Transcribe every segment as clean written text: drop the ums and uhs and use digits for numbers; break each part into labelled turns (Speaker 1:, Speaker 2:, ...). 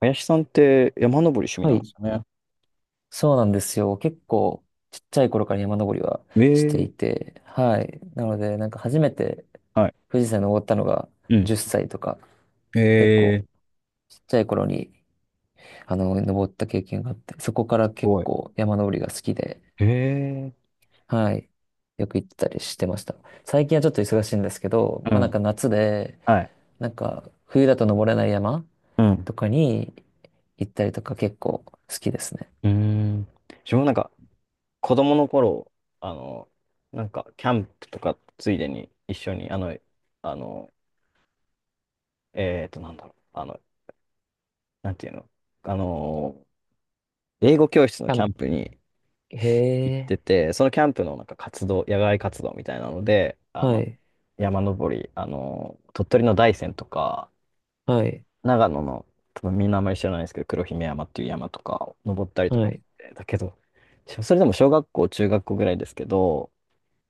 Speaker 1: 林さんって山登り趣味
Speaker 2: は
Speaker 1: なんで
Speaker 2: い。
Speaker 1: すよね。
Speaker 2: そうなんですよ。結構、ちっちゃい頃から山登りはして
Speaker 1: え
Speaker 2: い
Speaker 1: え。
Speaker 2: て、はい。なので、なんか初めて
Speaker 1: はい。
Speaker 2: 富士山に登ったのが
Speaker 1: うん。
Speaker 2: 10歳とか、
Speaker 1: え
Speaker 2: 結
Speaker 1: え、
Speaker 2: 構、
Speaker 1: す
Speaker 2: ちっちゃい頃に、登った経験があって、そこから結
Speaker 1: ごい。
Speaker 2: 構山登りが好きで、
Speaker 1: ええ。
Speaker 2: はい。よく行ってたりしてました。最近はちょっと忙しいんですけど、
Speaker 1: う
Speaker 2: まあなん
Speaker 1: ん。
Speaker 2: か夏で、
Speaker 1: はい。
Speaker 2: なんか冬だと登れない山
Speaker 1: うん。
Speaker 2: とかに行ったりとか結構好きですね。
Speaker 1: うーん。自分もなんか、子供の頃、あの、なんか、キャンプとか、ついでに一緒に、あの、なんだろう、なんていうの、あの、英語教室の
Speaker 2: キャ
Speaker 1: キ
Speaker 2: ン
Speaker 1: ャ
Speaker 2: プ、
Speaker 1: ンプに
Speaker 2: へ
Speaker 1: 行って
Speaker 2: え、
Speaker 1: て、そのキャンプのなんか活動、野外活動みたいなので、
Speaker 2: はい、
Speaker 1: 山登り、鳥取の大山とか、
Speaker 2: はい、
Speaker 1: 長野の、多分みんなあんまり知らないですけど、黒姫山っていう山とか登ったりとか
Speaker 2: は
Speaker 1: し
Speaker 2: い。
Speaker 1: て、だけど、それでも小学校、中学校ぐらいですけど、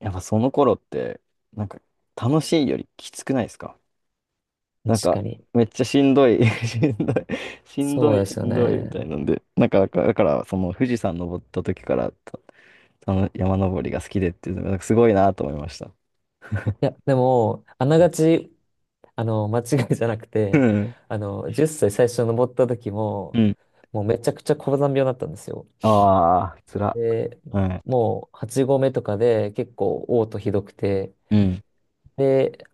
Speaker 1: やっぱその頃って、なんか楽しいよりきつくないですか？
Speaker 2: 確
Speaker 1: なんか、
Speaker 2: かに。
Speaker 1: めっちゃしんどい、しんどい、しんど
Speaker 2: そう
Speaker 1: い、
Speaker 2: で
Speaker 1: し
Speaker 2: すよ
Speaker 1: んどいみ
Speaker 2: ね。
Speaker 1: たいなんで、なんか、だから、その富士山登った時からの山登りが好きでっていうのが、なんかすごいなと思いました。
Speaker 2: いや、でも、あながち、間違いじゃなく
Speaker 1: う
Speaker 2: て、
Speaker 1: ん。
Speaker 2: 10歳最初登った時
Speaker 1: う
Speaker 2: も、
Speaker 1: ん。
Speaker 2: もうめちゃくちゃ高山病だったんですよ。
Speaker 1: ああ、つら。
Speaker 2: で、
Speaker 1: はい。
Speaker 2: もう8合目とかで結構嘔吐ひどくて、
Speaker 1: うん。
Speaker 2: で、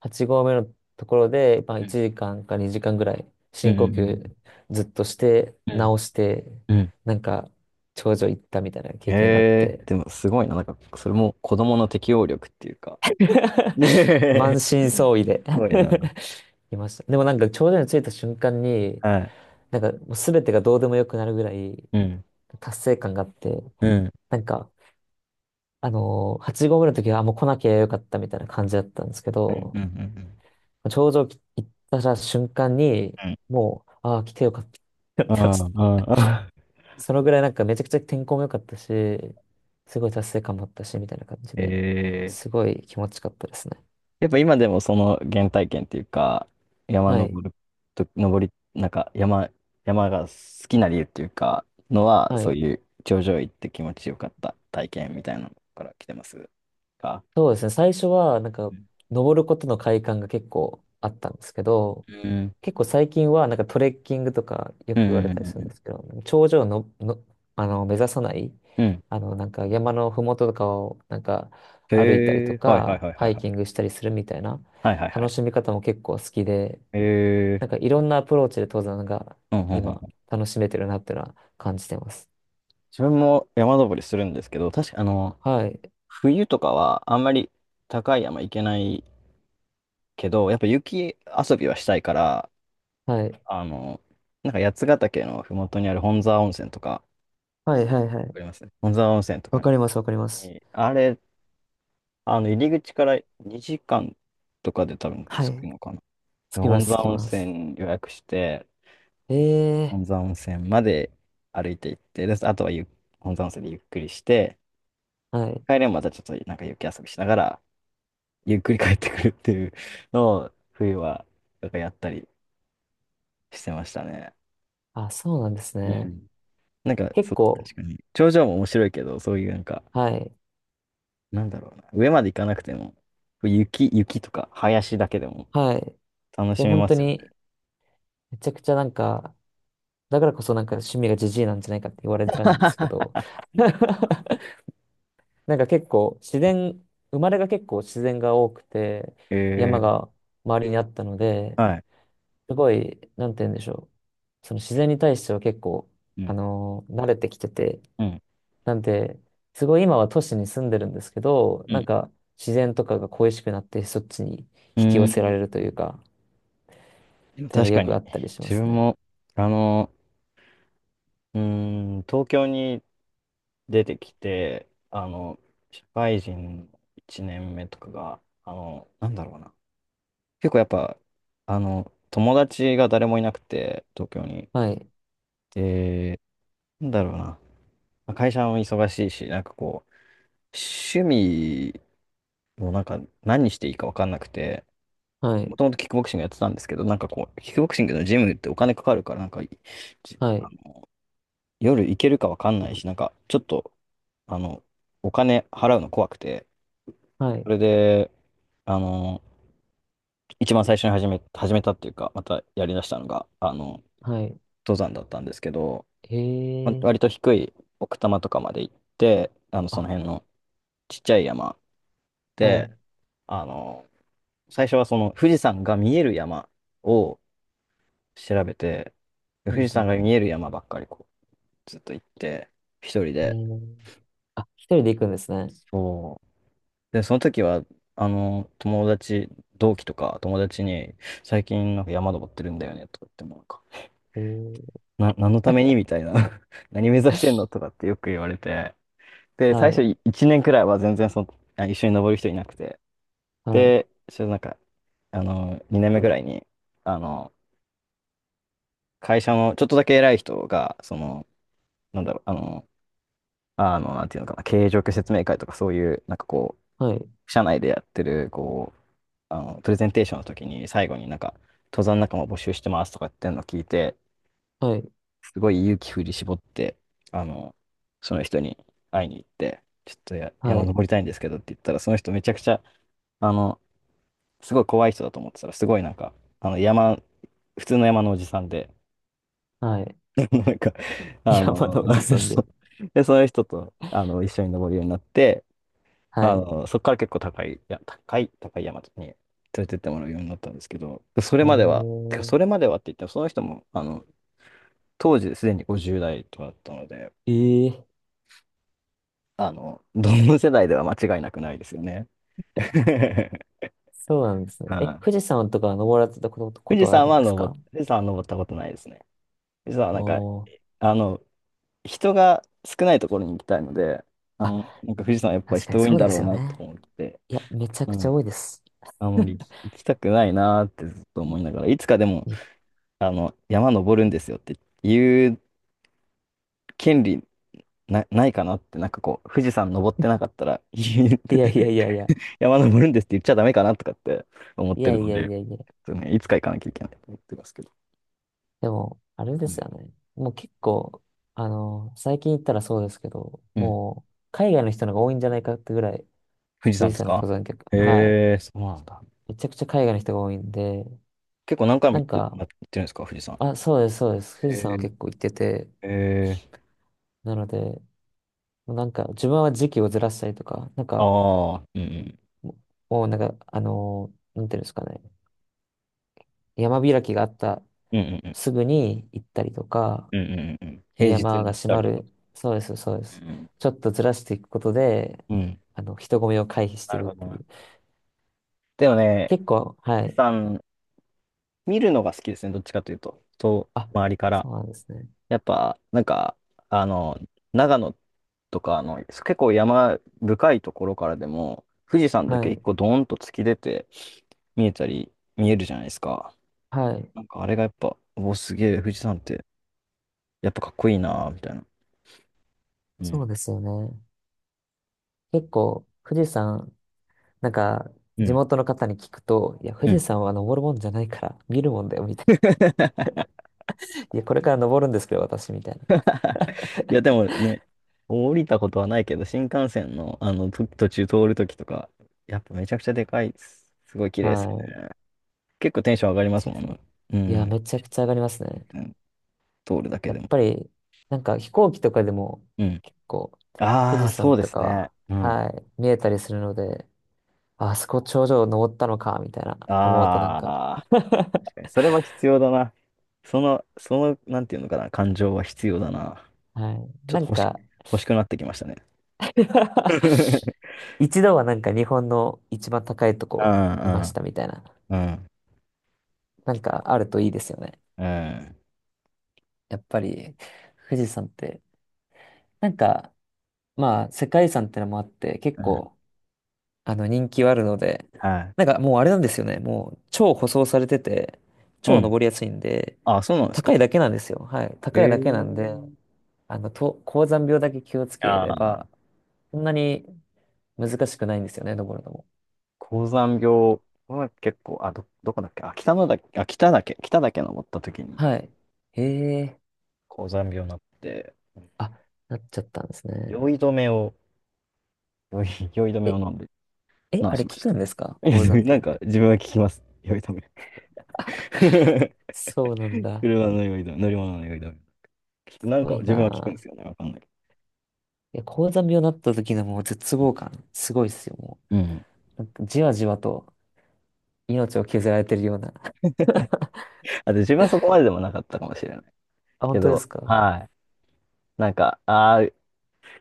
Speaker 2: 8合目のところで、まあ、
Speaker 1: うん。
Speaker 2: 1時間か2時間ぐらい
Speaker 1: うん。
Speaker 2: 深呼
Speaker 1: うん。
Speaker 2: 吸ずっとして
Speaker 1: うん。
Speaker 2: 直して
Speaker 1: うん。
Speaker 2: なんか頂上行ったみたいな
Speaker 1: え
Speaker 2: 経験があっ
Speaker 1: え、
Speaker 2: て
Speaker 1: でもすごいな。なんか、それも子供の適応力っていうか。ね
Speaker 2: 満
Speaker 1: え、す
Speaker 2: 身創痍で
Speaker 1: ごいな。
Speaker 2: いました。でもなんか頂上に着いた瞬間に
Speaker 1: はい。
Speaker 2: なんかもう全てがどうでもよくなるぐらい
Speaker 1: うん。
Speaker 2: 達成感があって
Speaker 1: うん。
Speaker 2: なんか8合目の時はあもう来なきゃよかったみたいな感じだったんですけ
Speaker 1: うん。
Speaker 2: ど
Speaker 1: うん。うん。
Speaker 2: 頂上行った瞬間に
Speaker 1: うん。
Speaker 2: もうああ来てよかったってなっ
Speaker 1: あ
Speaker 2: てまし
Speaker 1: あ、
Speaker 2: た。
Speaker 1: ああ。
Speaker 2: そのぐらいなんかめちゃくちゃ天候も良かったし、すごい達成感もあったし、みたいな感じで、
Speaker 1: ええ、
Speaker 2: すごい気持ちよかったですね。
Speaker 1: やっぱ今でもその原体験っていうか、山
Speaker 2: は
Speaker 1: 登
Speaker 2: い。
Speaker 1: ると、登り、なんか山が好きな理由っていうか、のは、
Speaker 2: は
Speaker 1: そう
Speaker 2: い。
Speaker 1: いう頂上行って気持ちよかった体験みたいなのから来てますか？
Speaker 2: そうですね。最初はなんか
Speaker 1: うん。
Speaker 2: 登ることの快感が結構あったんですけど、
Speaker 1: うん。
Speaker 2: 結構最近はなんかトレッキングとかよ
Speaker 1: う
Speaker 2: く言われ
Speaker 1: ん。う
Speaker 2: たり
Speaker 1: ん。
Speaker 2: するん
Speaker 1: うん。
Speaker 2: ですけど、頂上の、目指さない、
Speaker 1: うん。
Speaker 2: なんか山のふもととかをなんか歩いたり
Speaker 1: へ
Speaker 2: と
Speaker 1: え、はいはい
Speaker 2: か、
Speaker 1: はいは
Speaker 2: ハ
Speaker 1: い
Speaker 2: イ
Speaker 1: はい。
Speaker 2: キングしたりするみたいな
Speaker 1: はいはいは
Speaker 2: 楽
Speaker 1: い。
Speaker 2: しみ方も結構好きで、
Speaker 1: えー。
Speaker 2: なんかいろんなアプローチで登山が
Speaker 1: うんうんうん
Speaker 2: 今
Speaker 1: うん。
Speaker 2: 楽しめてるなっていうのは感じてます。
Speaker 1: 自分も山登りするんですけど、確か
Speaker 2: はい。
Speaker 1: 冬とかはあんまり高い山行けないけど、やっぱ雪遊びはしたいから、
Speaker 2: はい。
Speaker 1: あの、なんか八ヶ岳のふもとにある本沢温泉とか、わ
Speaker 2: はいはいはい。
Speaker 1: かりますね。本沢温泉と
Speaker 2: わ
Speaker 1: か
Speaker 2: かりますわかります。
Speaker 1: に、あれ、入り口から2時間とかで多分
Speaker 2: は
Speaker 1: 着く
Speaker 2: い。
Speaker 1: のかな。
Speaker 2: つ
Speaker 1: で
Speaker 2: きま
Speaker 1: 本
Speaker 2: す、つ
Speaker 1: 沢
Speaker 2: き
Speaker 1: 温
Speaker 2: ます。
Speaker 1: 泉予約して、
Speaker 2: ええ
Speaker 1: 本沢温泉まで歩いて行って、で、あとは本沢温泉でゆっくりして、
Speaker 2: はい。
Speaker 1: 帰れんまたちょっとなんか雪遊びしながら、ゆっくり帰ってくるっていうのを、冬は、なんかやったりしてましたね。
Speaker 2: あ、そうなんです
Speaker 1: う
Speaker 2: ね。
Speaker 1: ん。なんか、
Speaker 2: 結
Speaker 1: そう、
Speaker 2: 構、
Speaker 1: 確かに。頂上も面白いけど、そういうなんか、
Speaker 2: はい。
Speaker 1: なんだろうな。上まで行かなくても、雪とか林だけでも
Speaker 2: はい。
Speaker 1: 楽
Speaker 2: で、
Speaker 1: しめ
Speaker 2: 本
Speaker 1: ま
Speaker 2: 当
Speaker 1: すよ。
Speaker 2: に、めちゃくちゃなんか、だからこそなんか趣味がジジイなんじゃないかって言われちゃうんですけど、なんか結構自然、生まれが結構自然が多くて、山
Speaker 1: え
Speaker 2: が周りにあったので、
Speaker 1: ー。はい。
Speaker 2: すごい、なんて言うんでしょう。その自然に対しては結構、
Speaker 1: うん、
Speaker 2: 慣れてきてて、
Speaker 1: うん、
Speaker 2: なんで、すごい今は都市に住んでるんですけど、
Speaker 1: う
Speaker 2: な
Speaker 1: ん。
Speaker 2: んか自然とかが恋しくなってそっちに
Speaker 1: う
Speaker 2: 引き
Speaker 1: ー
Speaker 2: 寄せられる
Speaker 1: ん。
Speaker 2: というか、
Speaker 1: で
Speaker 2: っ
Speaker 1: も
Speaker 2: ていうの
Speaker 1: 確
Speaker 2: が
Speaker 1: か
Speaker 2: よくあ
Speaker 1: に、
Speaker 2: ったりしま
Speaker 1: 自
Speaker 2: す
Speaker 1: 分
Speaker 2: ね。
Speaker 1: も、あの、うーん、東京に出てきて、社会人1年目とかが、なんだろうな。結構やっぱ、友達が誰もいなくて、東京に。
Speaker 2: はい、
Speaker 1: で、なんだろうな。まあ会社も忙しいし、なんかこう、趣味もなんか何していいか分かんなくて、
Speaker 2: は
Speaker 1: も
Speaker 2: い、
Speaker 1: ともとキックボクシングやってたんですけど、なんかこう、キックボクシングのジムってお金かかるから、なんか、じ
Speaker 2: は
Speaker 1: あ
Speaker 2: い、
Speaker 1: の夜行けるか分かんないし、なんか、ちょっと、あの、お金払うの怖くて、
Speaker 2: は
Speaker 1: そ
Speaker 2: い、
Speaker 1: れで、あの、一番最初に始めたっていうか、またやりだしたのが、
Speaker 2: はい。
Speaker 1: 登山だったんですけど、
Speaker 2: へ
Speaker 1: ま
Speaker 2: え、
Speaker 1: 割と低い奥多摩とかまで行って、
Speaker 2: あ、
Speaker 1: その辺のちっちゃい山
Speaker 2: は
Speaker 1: で、
Speaker 2: い、
Speaker 1: あの、最初はその富士山が見える山を調べて、で
Speaker 2: う
Speaker 1: 富士
Speaker 2: ん
Speaker 1: 山が
Speaker 2: う
Speaker 1: 見える山ばっかりこう、ずっと行って、一人
Speaker 2: ん。
Speaker 1: で。
Speaker 2: へえ、あ、一人で行くんですね。
Speaker 1: そう。で、その時は、あの、友達、同期とか友達に、最近なんか山登ってるんだよね、とか言ってもなんか、
Speaker 2: へえ
Speaker 1: 何のためにみたいな、 何目指してんのとかってよく言われて。で、最
Speaker 2: は
Speaker 1: 初
Speaker 2: い、
Speaker 1: 1年くらいは全然その、一緒に登る人いなくて。
Speaker 2: はい、
Speaker 1: で、ちょっとなんか、2年目くらいに、あの、会社のちょっとだけ偉い人が、その、なんだろう、なんていうのかな、経営状況説明会とかそういう、なんかこ
Speaker 2: はい、
Speaker 1: う、社内でやってる、こう、プレゼンテーションの時に最後になんか、登山仲間募集してますとか言ってんの聞いて、
Speaker 2: はい、
Speaker 1: すごい勇気振り絞って、あの、その人に会いに行って、ちょっと
Speaker 2: は
Speaker 1: 山
Speaker 2: い、
Speaker 1: 登りたいんですけどって言ったら、その人めちゃくちゃ、あの、すごい怖い人だと思ってたら、すごいなんか、あの、山、普通の山のおじさんで、
Speaker 2: はい。
Speaker 1: なんか、あ
Speaker 2: 山
Speaker 1: の、
Speaker 2: のおじ さんで。
Speaker 1: そうで、その人と、一緒に登るようになって、
Speaker 2: はい。
Speaker 1: そこから結構高い、いや、高い、高い山に連れてってもらうようになったんですけど、それ
Speaker 2: お
Speaker 1: までは、てかそれ
Speaker 2: ー、
Speaker 1: まではって言っても、その人も、当時すでに50代とかだったので、
Speaker 2: ええ
Speaker 1: どの世代では間違いなくないですよね。
Speaker 2: そうなんですね。
Speaker 1: う
Speaker 2: え、
Speaker 1: ん。
Speaker 2: 富士山とかは登られたこと、ことはあるんですか？
Speaker 1: 富士山は登ったことないですね。富士山はな
Speaker 2: お
Speaker 1: んか、
Speaker 2: ー、
Speaker 1: あの、人が少ないところに行きたいので、
Speaker 2: あ、
Speaker 1: なんか富士山はやっぱ
Speaker 2: 確かに
Speaker 1: 人多い
Speaker 2: そ
Speaker 1: ん
Speaker 2: う
Speaker 1: だ
Speaker 2: で
Speaker 1: ろ
Speaker 2: す
Speaker 1: う
Speaker 2: よ
Speaker 1: なと
Speaker 2: ね。
Speaker 1: 思って、
Speaker 2: いや、めちゃ
Speaker 1: う
Speaker 2: くちゃ
Speaker 1: ん。
Speaker 2: 多いです。
Speaker 1: あんまり行きたくないなってずっと思いながら、いつかでも、
Speaker 2: いい
Speaker 1: 山登るんですよって言う権利ないかなって、なんかこう、富士山登ってなかったら言う、
Speaker 2: いやいやいやいや。
Speaker 1: 山登るんですって言っちゃダメかなとかって思っ
Speaker 2: い
Speaker 1: て
Speaker 2: や
Speaker 1: る
Speaker 2: い
Speaker 1: の
Speaker 2: やい
Speaker 1: で、
Speaker 2: やいや。
Speaker 1: そうね、いつか行かなきゃいけないと思ってますけど。
Speaker 2: でも、あれで
Speaker 1: う
Speaker 2: す
Speaker 1: ん。
Speaker 2: よね。もう結構、最近行ったらそうですけど、
Speaker 1: うん。
Speaker 2: もう、海外の人の方が多いんじゃないかってぐらい、
Speaker 1: 富士
Speaker 2: 富
Speaker 1: 山
Speaker 2: 士
Speaker 1: です
Speaker 2: 山の
Speaker 1: か？
Speaker 2: 登山客。はい。
Speaker 1: へえ、そうなんだ。
Speaker 2: めちゃくちゃ海外の人が多いんで、
Speaker 1: 結構何回も
Speaker 2: な
Speaker 1: 行
Speaker 2: ん
Speaker 1: って
Speaker 2: か、
Speaker 1: 行ってるんですか、富士山？
Speaker 2: あ、そうです、そうです。富士山は
Speaker 1: へ
Speaker 2: 結構行ってて、
Speaker 1: え、へえ、
Speaker 2: なので、なんか自分は時期をずらしたりとか、なんか
Speaker 1: ああ、うんうん。
Speaker 2: ももうなんか、なんていうんですかね、山開きがあった
Speaker 1: うんうんうん。
Speaker 2: すぐに行ったりとか、
Speaker 1: うんうんうんうん。平日
Speaker 2: 山が
Speaker 1: に行っ
Speaker 2: 閉
Speaker 1: た
Speaker 2: ま
Speaker 1: りとか。
Speaker 2: る、そうです、そうで
Speaker 1: う
Speaker 2: す。
Speaker 1: ん。
Speaker 2: ちょっとずらしていくことで、
Speaker 1: うん。うん。
Speaker 2: 人混みを回避し
Speaker 1: な
Speaker 2: て
Speaker 1: る
Speaker 2: るっ
Speaker 1: ほど
Speaker 2: てい
Speaker 1: な。
Speaker 2: う。
Speaker 1: でもね、
Speaker 2: 結構、は
Speaker 1: 富士
Speaker 2: い。
Speaker 1: 山、見るのが好きですね、どっちかというと。と、
Speaker 2: あ、
Speaker 1: 周りから。
Speaker 2: そうなんですね。
Speaker 1: やっぱ、なんか、あの、長野とか、結構山深いところからでも、富士山だ
Speaker 2: は
Speaker 1: け一
Speaker 2: い、
Speaker 1: 個ドーンと突き出て、見えるじゃないですか。
Speaker 2: はい。
Speaker 1: なんかあれがやっぱ、おお、すげえ、富士山って、やっぱかっこいいなーみたいな。うん。
Speaker 2: そうですよね。結構、富士山、なんか、
Speaker 1: う
Speaker 2: 地
Speaker 1: ん。
Speaker 2: 元の方に聞くと、いや、富
Speaker 1: う
Speaker 2: 士
Speaker 1: ん。
Speaker 2: 山は登るもんじゃないから、見るもんだよ、みたい な。いや、これから登るんですけど、私、みたいな。
Speaker 1: いや、でもね、降りたことはないけど、新幹線の、途中通るときとか、やっぱめちゃくちゃでかいです。すごい綺麗です
Speaker 2: は
Speaker 1: よね。
Speaker 2: い。
Speaker 1: 結構テンション上がりま
Speaker 2: ち
Speaker 1: す
Speaker 2: い
Speaker 1: もん
Speaker 2: さ
Speaker 1: ね。
Speaker 2: ん。
Speaker 1: う
Speaker 2: いや、
Speaker 1: ん。
Speaker 2: めちゃくちゃ上がりますね。
Speaker 1: うん。通るだけ
Speaker 2: や
Speaker 1: で
Speaker 2: っ
Speaker 1: も。
Speaker 2: ぱり、なんか飛行機とかでも
Speaker 1: うん。
Speaker 2: 結構富
Speaker 1: あ
Speaker 2: 士
Speaker 1: あ、そ
Speaker 2: 山
Speaker 1: うで
Speaker 2: と
Speaker 1: すね。
Speaker 2: か
Speaker 1: うん。
Speaker 2: は、はい、見えたりするので、ああそこ頂上登ったのか、みたいな思うとなんか
Speaker 1: ああ、確かに、それは必要だな。その、なんていうのかな、感情は必要だな。
Speaker 2: はい。
Speaker 1: ちょっ
Speaker 2: な
Speaker 1: と
Speaker 2: んか
Speaker 1: 欲しくなってきましたね。
Speaker 2: 一度はなんか日本の一番高いと
Speaker 1: う
Speaker 2: こ
Speaker 1: ん
Speaker 2: いま
Speaker 1: う
Speaker 2: し
Speaker 1: ん
Speaker 2: たみたいな、
Speaker 1: うん。
Speaker 2: なん
Speaker 1: 期待。
Speaker 2: かあるといいですよね。やっぱり富士山って、なんか、まあ世界遺産ってのもあって結
Speaker 1: うん。うん。
Speaker 2: 構人気はあるので、
Speaker 1: は
Speaker 2: なん
Speaker 1: い。
Speaker 2: かもうあれなんですよね。もう超舗装されてて、
Speaker 1: う
Speaker 2: 超
Speaker 1: ん。
Speaker 2: 登りやすいんで、
Speaker 1: あ、そうなんですか？
Speaker 2: 高いだけなんですよ。はい。
Speaker 1: へ
Speaker 2: 高いだけなんで、
Speaker 1: え。
Speaker 2: 高山病だけ気をつけれ
Speaker 1: ああ、
Speaker 2: ば、そんなに難しくないんですよね、登るのも。
Speaker 1: 高山病、の結構、どこだっけ、北岳、登った時に
Speaker 2: はい。へえ。
Speaker 1: 高山病になって、
Speaker 2: あ、なっちゃったんですね。
Speaker 1: 酔い止めを、酔い止めを
Speaker 2: え、
Speaker 1: 飲んで
Speaker 2: え、
Speaker 1: 治
Speaker 2: あ
Speaker 1: し
Speaker 2: れ
Speaker 1: ま
Speaker 2: 効
Speaker 1: し
Speaker 2: く
Speaker 1: た。
Speaker 2: んですか
Speaker 1: いや
Speaker 2: 高
Speaker 1: でも
Speaker 2: 山
Speaker 1: なん
Speaker 2: 病
Speaker 1: か
Speaker 2: で？
Speaker 1: 自分は聞きます。酔い止め。
Speaker 2: そうなんだ。
Speaker 1: 車の酔い止め、乗り物の酔い止め。
Speaker 2: す
Speaker 1: なん
Speaker 2: ご
Speaker 1: か
Speaker 2: い
Speaker 1: 自分
Speaker 2: な
Speaker 1: は聞くんで
Speaker 2: あ。
Speaker 1: すよね。わかんないけ
Speaker 2: いや、高山病になった時のもう絶
Speaker 1: ど。
Speaker 2: 望感、すごいっすよ、も
Speaker 1: うん。
Speaker 2: う。なんかじわじわと。命を削られてるような。
Speaker 1: あと自分はそこまででもなかったかもしれない。
Speaker 2: あ、本
Speaker 1: け
Speaker 2: 当で
Speaker 1: ど、
Speaker 2: すか？
Speaker 1: はい。なんか、ああ、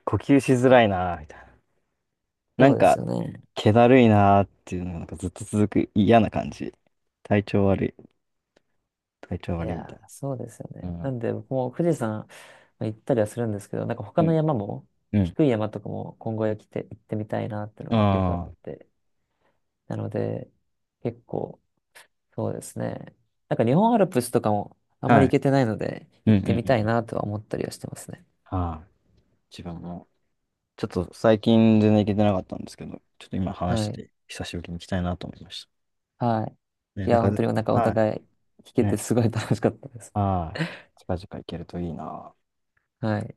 Speaker 1: 呼吸しづらいなーみたいな。な
Speaker 2: そ
Speaker 1: ん
Speaker 2: うです
Speaker 1: か、
Speaker 2: よね。
Speaker 1: 気だるいなーっていうのがなんかずっと続く嫌な感じ。体調悪い、体調
Speaker 2: い
Speaker 1: 悪
Speaker 2: や
Speaker 1: いみたい
Speaker 2: ー、そうですよ
Speaker 1: な。う
Speaker 2: ね。な
Speaker 1: ん。
Speaker 2: んで、僕も富士山まあ行ったりはするんですけど、なんか他
Speaker 1: う
Speaker 2: の
Speaker 1: ん。
Speaker 2: 山も、
Speaker 1: うん。
Speaker 2: 低い山とかも今後へ来て行ってみたいなっていうのはよくあっ
Speaker 1: あ
Speaker 2: て。なので、結構、そうですね。なんか日本アルプスとかもあん
Speaker 1: あ、
Speaker 2: ま
Speaker 1: は
Speaker 2: り行
Speaker 1: い。
Speaker 2: けてないので、
Speaker 1: うん
Speaker 2: 行っ
Speaker 1: うんう
Speaker 2: てみ
Speaker 1: んう
Speaker 2: たい
Speaker 1: ん。
Speaker 2: なとは思ったりはしてますね。
Speaker 1: はい。自分も、ちょっと最近全然行けてなかったんですけど、ちょっと今話
Speaker 2: は
Speaker 1: し
Speaker 2: い。
Speaker 1: てて、久しぶりに行きたいなと思いまし
Speaker 2: はい。
Speaker 1: た。ね、
Speaker 2: い
Speaker 1: なん
Speaker 2: や、
Speaker 1: か、
Speaker 2: 本当になんかお
Speaker 1: は
Speaker 2: 互い聞
Speaker 1: い。
Speaker 2: けて
Speaker 1: ね。
Speaker 2: すごい楽しかったです。
Speaker 1: はい。近々行けるといいなー。
Speaker 2: はい。